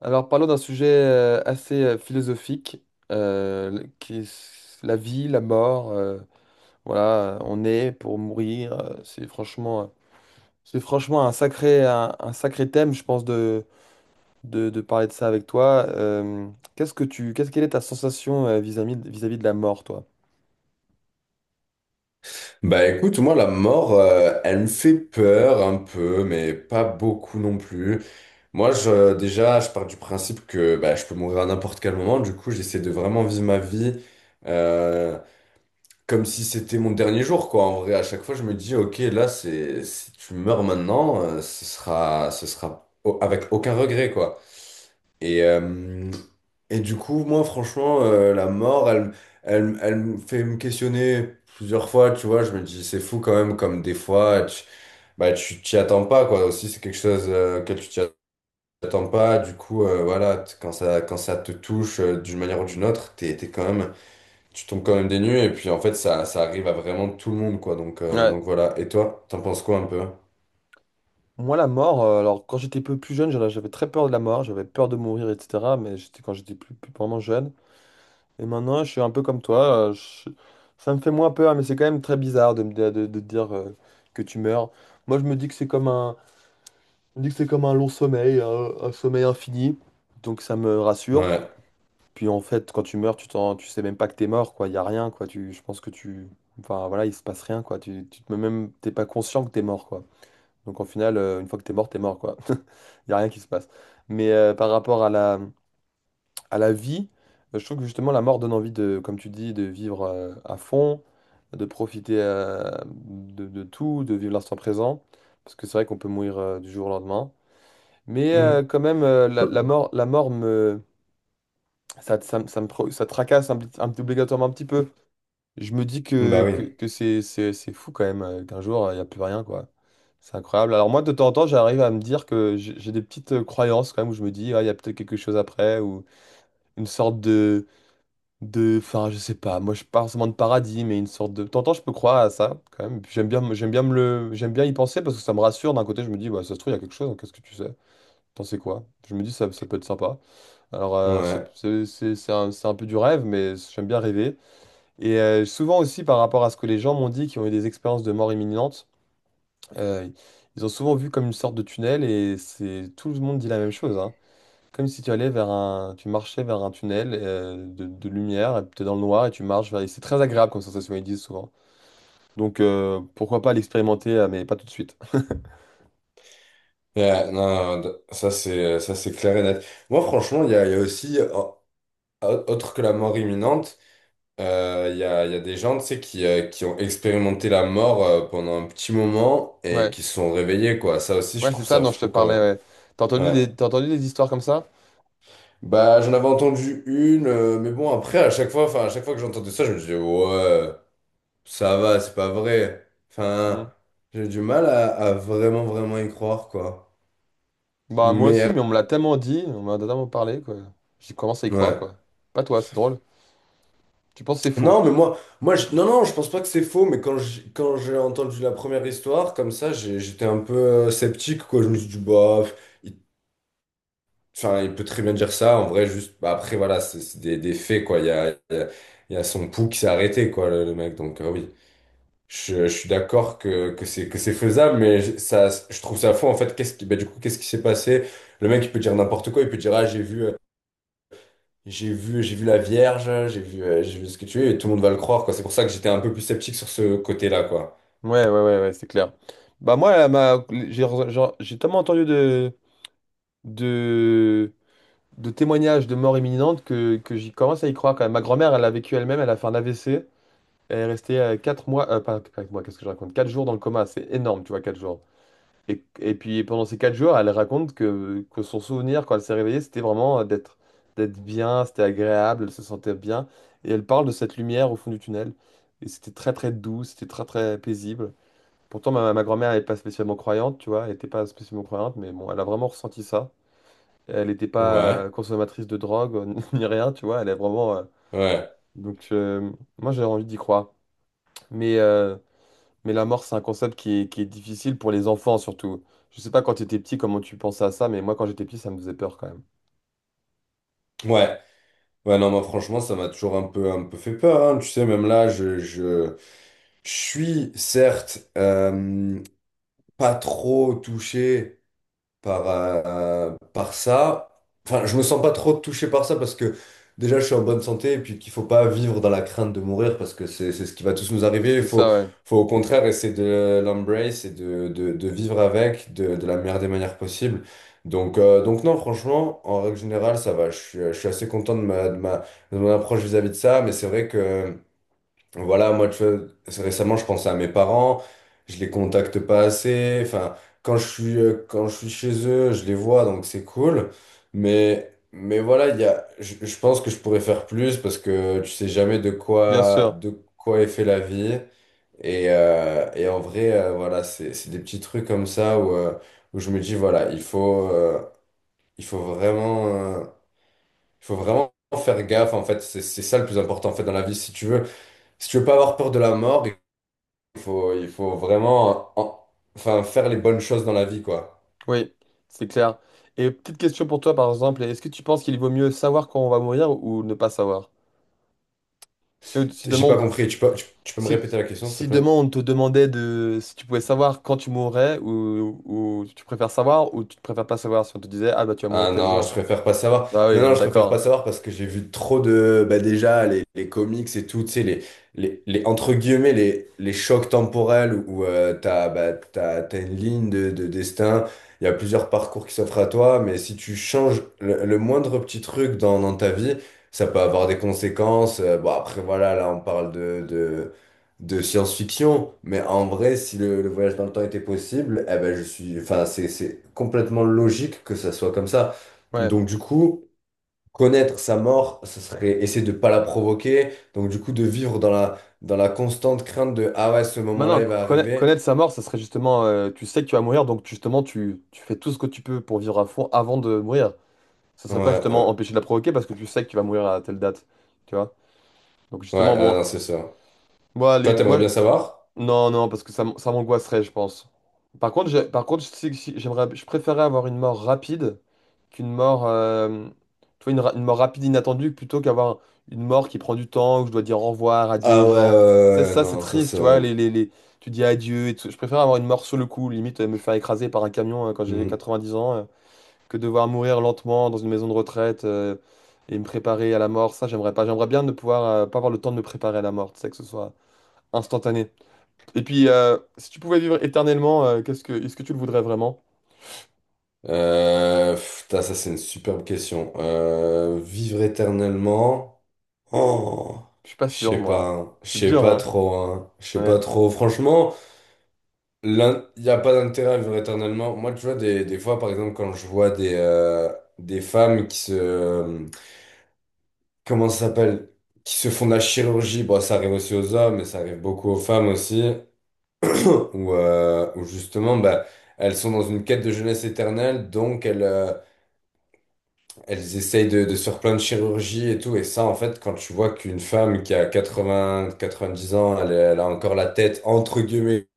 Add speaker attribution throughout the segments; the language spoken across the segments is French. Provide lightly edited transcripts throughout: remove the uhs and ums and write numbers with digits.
Speaker 1: Alors parlons d'un sujet assez philosophique, qui est la vie, la mort. Voilà, on est pour mourir. C'est franchement, c'est franchement un sacré, un sacré thème, je pense, de parler de ça avec toi. Qu'est-ce quelle est ta sensation vis-à-vis, vis-à-vis de la mort, toi?
Speaker 2: Bah écoute, moi la mort, elle me fait peur un peu, mais pas beaucoup non plus. Moi, déjà, je pars du principe que bah, je peux mourir à n'importe quel moment, du coup, j'essaie de vraiment vivre ma vie euh, comme si c'était mon dernier jour, quoi. En vrai, à chaque fois, je me dis, ok, là, si tu meurs maintenant, ce sera avec aucun regret, quoi. Et, euh, et du coup, moi, franchement, la mort, elle me fait me questionner plusieurs fois, tu vois. Je me dis, c'est fou quand même, comme des fois, bah, tu t'y attends pas, quoi. Aussi, c'est quelque chose que tu t'y attends pas. Du coup, voilà, quand ça te touche d'une manière ou d'une autre, t'es quand même, tu tombes quand même des nues. Et puis, en fait, ça arrive à vraiment tout le monde, quoi. Donc, euh,
Speaker 1: Ouais.
Speaker 2: donc voilà. Et toi, t'en penses quoi un peu?
Speaker 1: Moi, la mort, alors quand j'étais peu plus jeune, j'avais très peur de la mort, j'avais peur de mourir, etc. Mais j'étais, quand j'étais plus vraiment jeune. Et maintenant, je suis un peu comme toi. Ça me fait moins peur, mais c'est quand même très bizarre de dire que tu meurs. Moi, je me dis que c'est comme un long sommeil, un sommeil infini. Donc ça me rassure.
Speaker 2: Ouais.
Speaker 1: Puis en fait, quand tu meurs, tu sais même pas que t'es mort, quoi. Il y a rien, quoi. Tu, je pense que tu, enfin voilà, il se passe rien, quoi. Même, t'es pas conscient que t'es mort, quoi. Donc au final, une fois que t'es mort, quoi. Il y a rien qui se passe. Mais par rapport à la vie, je trouve que justement la mort donne envie de, comme tu dis, de vivre à fond, de profiter de tout, de vivre l'instant présent, parce que c'est vrai qu'on peut mourir du jour au lendemain. Mais
Speaker 2: Mhm.
Speaker 1: quand même, la mort me, ça, me- ça tracasse obligatoirement un petit peu. Je me dis
Speaker 2: Bah oui.
Speaker 1: que c'est fou quand même, qu'un jour, il n'y a plus rien, quoi. C'est incroyable. Alors moi, de temps en temps, j'arrive à me dire que j'ai des petites croyances quand même, où je me dis, ah, il y a peut-être quelque chose après, ou une sorte de, enfin, je sais pas, moi je parle pas forcément de paradis, mais une sorte de. T'entends, je peux croire à ça, quand même. Puis j'aime bien y penser parce que ça me rassure. D'un côté, je me dis, ouais, ça se trouve, il y a quelque chose, hein, qu'est-ce que tu sais? T'en sais quoi? Je me dis, ça peut être sympa. Alors,
Speaker 2: Ouais.
Speaker 1: c'est un peu du rêve, mais j'aime bien rêver. Et souvent aussi, par rapport à ce que les gens m'ont dit, qui ont eu des expériences de mort imminente, euh, ils ont souvent vu comme une sorte de tunnel et c'est tout le monde dit la même chose, hein. Comme si tu marchais vers un tunnel de lumière, tu es dans le noir et tu marches vers. Et c'est très agréable comme sensation, ils disent souvent. Donc pourquoi pas l'expérimenter, mais pas tout de suite.
Speaker 2: Ouais, non, non, ça c'est clair et net. Moi franchement, il y a aussi autre que la mort imminente, il y a des gens tu sais qui ont expérimenté la mort pendant un petit moment et
Speaker 1: Ouais,
Speaker 2: qui se sont réveillés quoi. Ça aussi je
Speaker 1: ouais, c'est
Speaker 2: trouve
Speaker 1: ça.
Speaker 2: ça
Speaker 1: Non, je te
Speaker 2: fou quand
Speaker 1: parlais.
Speaker 2: même.
Speaker 1: Ouais.
Speaker 2: Ouais.
Speaker 1: T'as entendu des histoires comme ça?
Speaker 2: Bah j'en avais entendu une, mais bon après à chaque fois, enfin à chaque fois que j'entendais ça, je me disais ouais ça va, c'est pas vrai.
Speaker 1: Hmm.
Speaker 2: Enfin j'ai du mal à vraiment vraiment y croire quoi.
Speaker 1: Bah moi
Speaker 2: Mais
Speaker 1: aussi, mais on me l'a tellement dit, on m'a tellement parlé, quoi. J'y commence à y croire,
Speaker 2: ouais.
Speaker 1: quoi. Pas toi, c'est drôle. Tu penses que c'est faux?
Speaker 2: Non, mais moi non, non, je pense pas que c'est faux, mais quand j'ai entendu la première histoire, comme ça, j'étais un peu sceptique, quoi. Je me suis dit, bah, pff, il, enfin, il peut très bien dire ça, en vrai, juste, bah, après, voilà, c'est des, faits, quoi. Il y a, il y a, il y a son pouls qui s'est arrêté, quoi, le mec, donc, oui. Je suis d'accord que c'est faisable, mais ça, je trouve ça faux, en fait. Qu'est-ce qui, bah, du coup, qu'est-ce qui s'est passé? Le mec, il peut dire n'importe quoi, il peut dire, ah, j'ai vu la Vierge, j'ai vu ce que tu es, et tout le monde va le croire, quoi. C'est pour ça que j'étais un peu plus sceptique sur ce côté-là, quoi.
Speaker 1: Ouais, ouais, ouais, ouais, c'est clair. Bah moi, j'ai tellement entendu de de témoignages de mort imminente que j'y commence à y croire quand même. Ma grand-mère, elle a vécu elle-même, elle a fait un AVC, et elle est restée quatre mois, pas quatre mois, qu'est-ce que je raconte? Quatre jours dans le coma, c'est énorme, tu vois, 4 jours. Et puis pendant ces 4 jours, elle raconte que son souvenir, quand elle s'est réveillée, c'était vraiment d'être bien, c'était agréable, elle se sentait bien. Et elle parle de cette lumière au fond du tunnel. Et c'était très très doux, c'était très très paisible. Pourtant, ma grand-mère n'est pas spécialement croyante, tu vois, elle n'était pas spécialement croyante, mais bon, elle a vraiment ressenti ça. Elle n'était pas
Speaker 2: Ouais,
Speaker 1: consommatrice de drogue ni rien, tu vois. Elle est vraiment.
Speaker 2: ouais,
Speaker 1: Donc, moi, j'ai envie d'y croire. Mais, euh, mais la mort, c'est un concept qui est difficile pour les enfants, surtout. Je sais pas quand tu étais petit comment tu pensais à ça, mais moi, quand j'étais petit, ça me faisait peur quand même.
Speaker 2: ouais. Ouais, non, moi, franchement, ça m'a toujours un peu fait peur, hein. Tu sais, même là, je suis, certes, pas trop touché par ça. Enfin, je me sens pas trop touché par ça parce que déjà je suis en bonne santé et puis qu'il faut pas vivre dans la crainte de mourir parce que c'est ce qui va tous nous arriver. Il
Speaker 1: C'est
Speaker 2: faut,
Speaker 1: ça, ouais.
Speaker 2: faut au contraire essayer de l'embrace et de, vivre avec de la meilleure des manières possibles. Donc non, franchement, en règle générale, ça va. Je suis assez content de mon approche vis-à-vis de ça, mais c'est vrai que. Voilà, moi, tu vois, récemment, je pensais à mes parents, je les contacte pas assez. Enfin, quand je suis chez eux, je les vois, donc c'est cool. Mais, voilà, je pense que je pourrais faire plus parce que tu sais jamais de
Speaker 1: Bien
Speaker 2: quoi,
Speaker 1: sûr.
Speaker 2: de quoi est fait la vie. Et en vrai, voilà, c'est des petits trucs comme ça où je me dis, voilà, il faut vraiment, euh, il faut vraiment faire gaffe, en fait. C'est ça le plus important, en fait, dans la vie. Si tu veux pas avoir peur de la mort, il faut vraiment enfin, faire les bonnes choses dans la vie, quoi.
Speaker 1: Oui, c'est clair. Et petite question pour toi, par exemple, est-ce que tu penses qu'il vaut mieux savoir quand on va mourir ou ne pas savoir? Si, si
Speaker 2: J'ai
Speaker 1: demain
Speaker 2: pas
Speaker 1: on
Speaker 2: compris. Tu peux me
Speaker 1: Si,
Speaker 2: répéter la question, s'il te
Speaker 1: si
Speaker 2: plaît?
Speaker 1: demain on te demandait de si tu pouvais savoir quand tu mourrais ou tu préfères savoir ou tu préfères pas savoir, si on te disait, ah bah tu vas mourir
Speaker 2: Ah
Speaker 1: tel
Speaker 2: non,
Speaker 1: jour,
Speaker 2: je préfère pas savoir.
Speaker 1: bah
Speaker 2: Non,
Speaker 1: oui, on
Speaker 2: non,
Speaker 1: est
Speaker 2: je préfère pas
Speaker 1: d'accord.
Speaker 2: savoir parce que j'ai vu trop de. Bah déjà, les comics et tout, tu sais, entre guillemets, les chocs temporels où t'as une ligne de destin, il y a plusieurs parcours qui s'offrent à toi, mais si tu changes le moindre petit truc dans ta vie, ça peut avoir des conséquences. Bon, après, voilà, là, on parle de, de science-fiction, mais en vrai, si le voyage dans le temps était possible, eh ben enfin c'est complètement logique que ça soit comme ça.
Speaker 1: Hein. Ouais.
Speaker 2: Donc du coup, connaître sa mort, ce serait essayer de pas la provoquer. Donc du coup, de vivre dans la constante crainte de ah ouais, ce moment-là,
Speaker 1: Maintenant,
Speaker 2: il va arriver.
Speaker 1: connaître sa mort, ça serait justement tu sais que tu vas mourir donc justement tu fais tout ce que tu peux pour vivre à fond avant de mourir. Ça
Speaker 2: Ouais,
Speaker 1: serait pas
Speaker 2: ouais,
Speaker 1: justement empêcher de la provoquer parce que tu sais que tu vas mourir à telle date, tu vois. Donc
Speaker 2: ouais,
Speaker 1: justement bon,
Speaker 2: non, c'est ça.
Speaker 1: moi
Speaker 2: Toi,
Speaker 1: les
Speaker 2: t'aimerais
Speaker 1: moi
Speaker 2: bien savoir?
Speaker 1: Non, non, parce que ça m'angoisserait, je pense. Par contre, je sais que je préférerais avoir une mort rapide qu'une mort, tu vois, une mort rapide inattendue plutôt qu'avoir une mort qui prend du temps où je dois dire au revoir, adieu aux
Speaker 2: Ah ouais, ouais,
Speaker 1: gens.
Speaker 2: ouais,
Speaker 1: Tu sais,
Speaker 2: ouais,
Speaker 1: ça, c'est
Speaker 2: non, ça
Speaker 1: triste,
Speaker 2: c'est
Speaker 1: tu vois.
Speaker 2: vrai.
Speaker 1: Tu dis adieu et tout. Je préfère avoir une mort sur le coup, limite me faire écraser par un camion quand j'ai
Speaker 2: Hmm.
Speaker 1: 90 ans, que devoir mourir lentement dans une maison de retraite, et me préparer à la mort. Ça, j'aimerais pas. J'aimerais bien ne pouvoir pas avoir le temps de me préparer à la mort, tu sais, que ce soit instantané. Et puis, si tu pouvais vivre éternellement, est-ce que tu le voudrais vraiment?
Speaker 2: Pff, putain, ça c'est une superbe question. Vivre éternellement. Oh,
Speaker 1: Je suis pas
Speaker 2: je
Speaker 1: sûr,
Speaker 2: sais pas,
Speaker 1: moi.
Speaker 2: hein. Je
Speaker 1: C'est
Speaker 2: sais
Speaker 1: dur,
Speaker 2: pas
Speaker 1: hein?
Speaker 2: trop, hein. Je sais pas
Speaker 1: Ouais.
Speaker 2: trop. Franchement, il n'y a pas d'intérêt à vivre éternellement. Moi, tu vois, des fois, par exemple, quand je vois des femmes. Comment ça s'appelle? Qui se font de la chirurgie. Bon, ça arrive aussi aux hommes, mais ça arrive beaucoup aux femmes aussi. Où justement, bah, elles sont dans une quête de jeunesse éternelle, donc Elles essayent de se faire plein de chirurgies et tout. Et ça, en fait, quand tu vois qu'une femme qui a quatre-vingt-dix ans, elle a encore la tête, entre guillemets,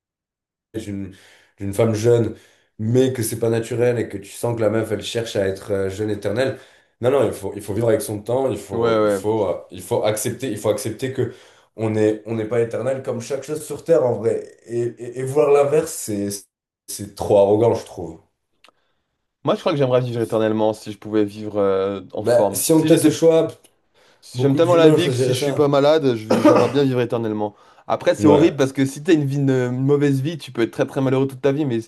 Speaker 2: d'une, d'une femme jeune, mais que c'est pas naturel et que tu sens que la meuf, elle cherche à être jeune éternelle. Non, non, il faut vivre avec son temps. Il
Speaker 1: Ouais,
Speaker 2: faut, il
Speaker 1: ouais.
Speaker 2: faut, euh, il faut accepter, il faut accepter, que on n'est pas éternel comme chaque chose sur Terre, en vrai. Et voir l'inverse, c'est trop arrogant, je trouve.
Speaker 1: Moi, je crois que j'aimerais vivre éternellement si je pouvais vivre en
Speaker 2: Bah,
Speaker 1: forme.
Speaker 2: si on me laisse le choix,
Speaker 1: Si j'aime
Speaker 2: beaucoup
Speaker 1: tellement la
Speaker 2: d'humains
Speaker 1: vie que si
Speaker 2: choisiraient
Speaker 1: je suis pas
Speaker 2: ça.
Speaker 1: malade, j'aimerais bien vivre éternellement. Après, c'est horrible
Speaker 2: Ouais,
Speaker 1: parce que si t'as une vie, une mauvaise vie, tu peux être très très malheureux toute ta vie. Mais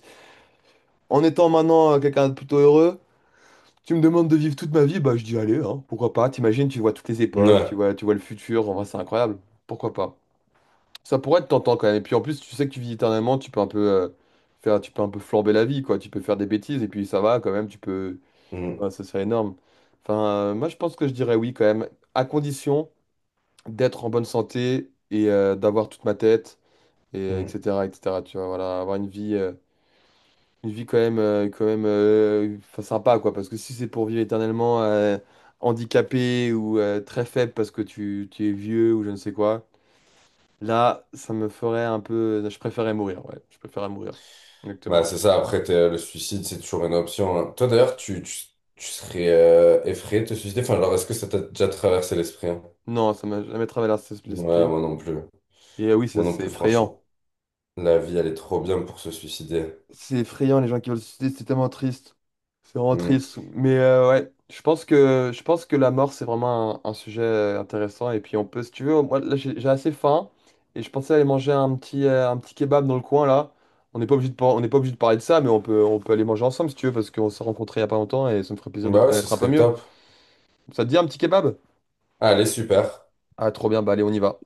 Speaker 1: en étant maintenant quelqu'un de plutôt heureux, tu me demandes de vivre toute ma vie, bah je dis allez, hein, pourquoi pas? T'imagines, tu vois toutes les époques,
Speaker 2: ouais.
Speaker 1: tu vois le futur, en vrai, c'est incroyable. Pourquoi pas? Ça pourrait être tentant quand même. Et puis en plus, tu sais que tu vis éternellement, tu peux un peu flamber la vie, quoi. Tu peux faire des bêtises et puis ça va quand même.
Speaker 2: Mm,
Speaker 1: Ouais, ça serait énorme. Enfin, moi je pense que je dirais oui quand même, à condition d'être en bonne santé et d'avoir toute ma tête et
Speaker 2: mm.
Speaker 1: etc. etc. Tu vois, voilà, avoir une vie, quand même, enfin, sympa, quoi. Parce que si c'est pour vivre éternellement handicapé ou très faible parce que tu es vieux ou je ne sais quoi. Là, ça me ferait un peu. Je préférais mourir, ouais. Je préférais mourir.
Speaker 2: Bah,
Speaker 1: Exactement.
Speaker 2: c'est ça, après, le suicide, c'est toujours une option. Hein. Toi, d'ailleurs, tu serais effrayé de te suicider. Enfin, genre, est-ce que ça t'a déjà traversé l'esprit? Hein?
Speaker 1: Non, ça m'a jamais traversé
Speaker 2: Ouais,
Speaker 1: l'esprit.
Speaker 2: moi non plus.
Speaker 1: Et oui, ça,
Speaker 2: Moi non
Speaker 1: c'est
Speaker 2: plus,
Speaker 1: effrayant.
Speaker 2: franchement. La vie, elle est trop bien pour se suicider.
Speaker 1: C'est effrayant, les gens qui veulent se suicider, c'est tellement triste. C'est vraiment
Speaker 2: Mm.
Speaker 1: triste. Mais ouais, je pense que la mort, c'est vraiment un sujet intéressant. Et puis, on peut, si tu veux, moi, là, j'ai assez faim. Et je pensais aller manger un petit kebab dans le coin, là. On n'est pas obligé de parler de ça, mais on peut aller manger ensemble, si tu veux, parce qu'on s'est rencontrés il y a pas longtemps et ça me ferait plaisir de te
Speaker 2: Bah ouais, ce
Speaker 1: connaître un peu
Speaker 2: serait
Speaker 1: mieux.
Speaker 2: top.
Speaker 1: Ça te dit un petit kebab?
Speaker 2: Allez, super.
Speaker 1: Ah, trop bien, bah allez, on y va.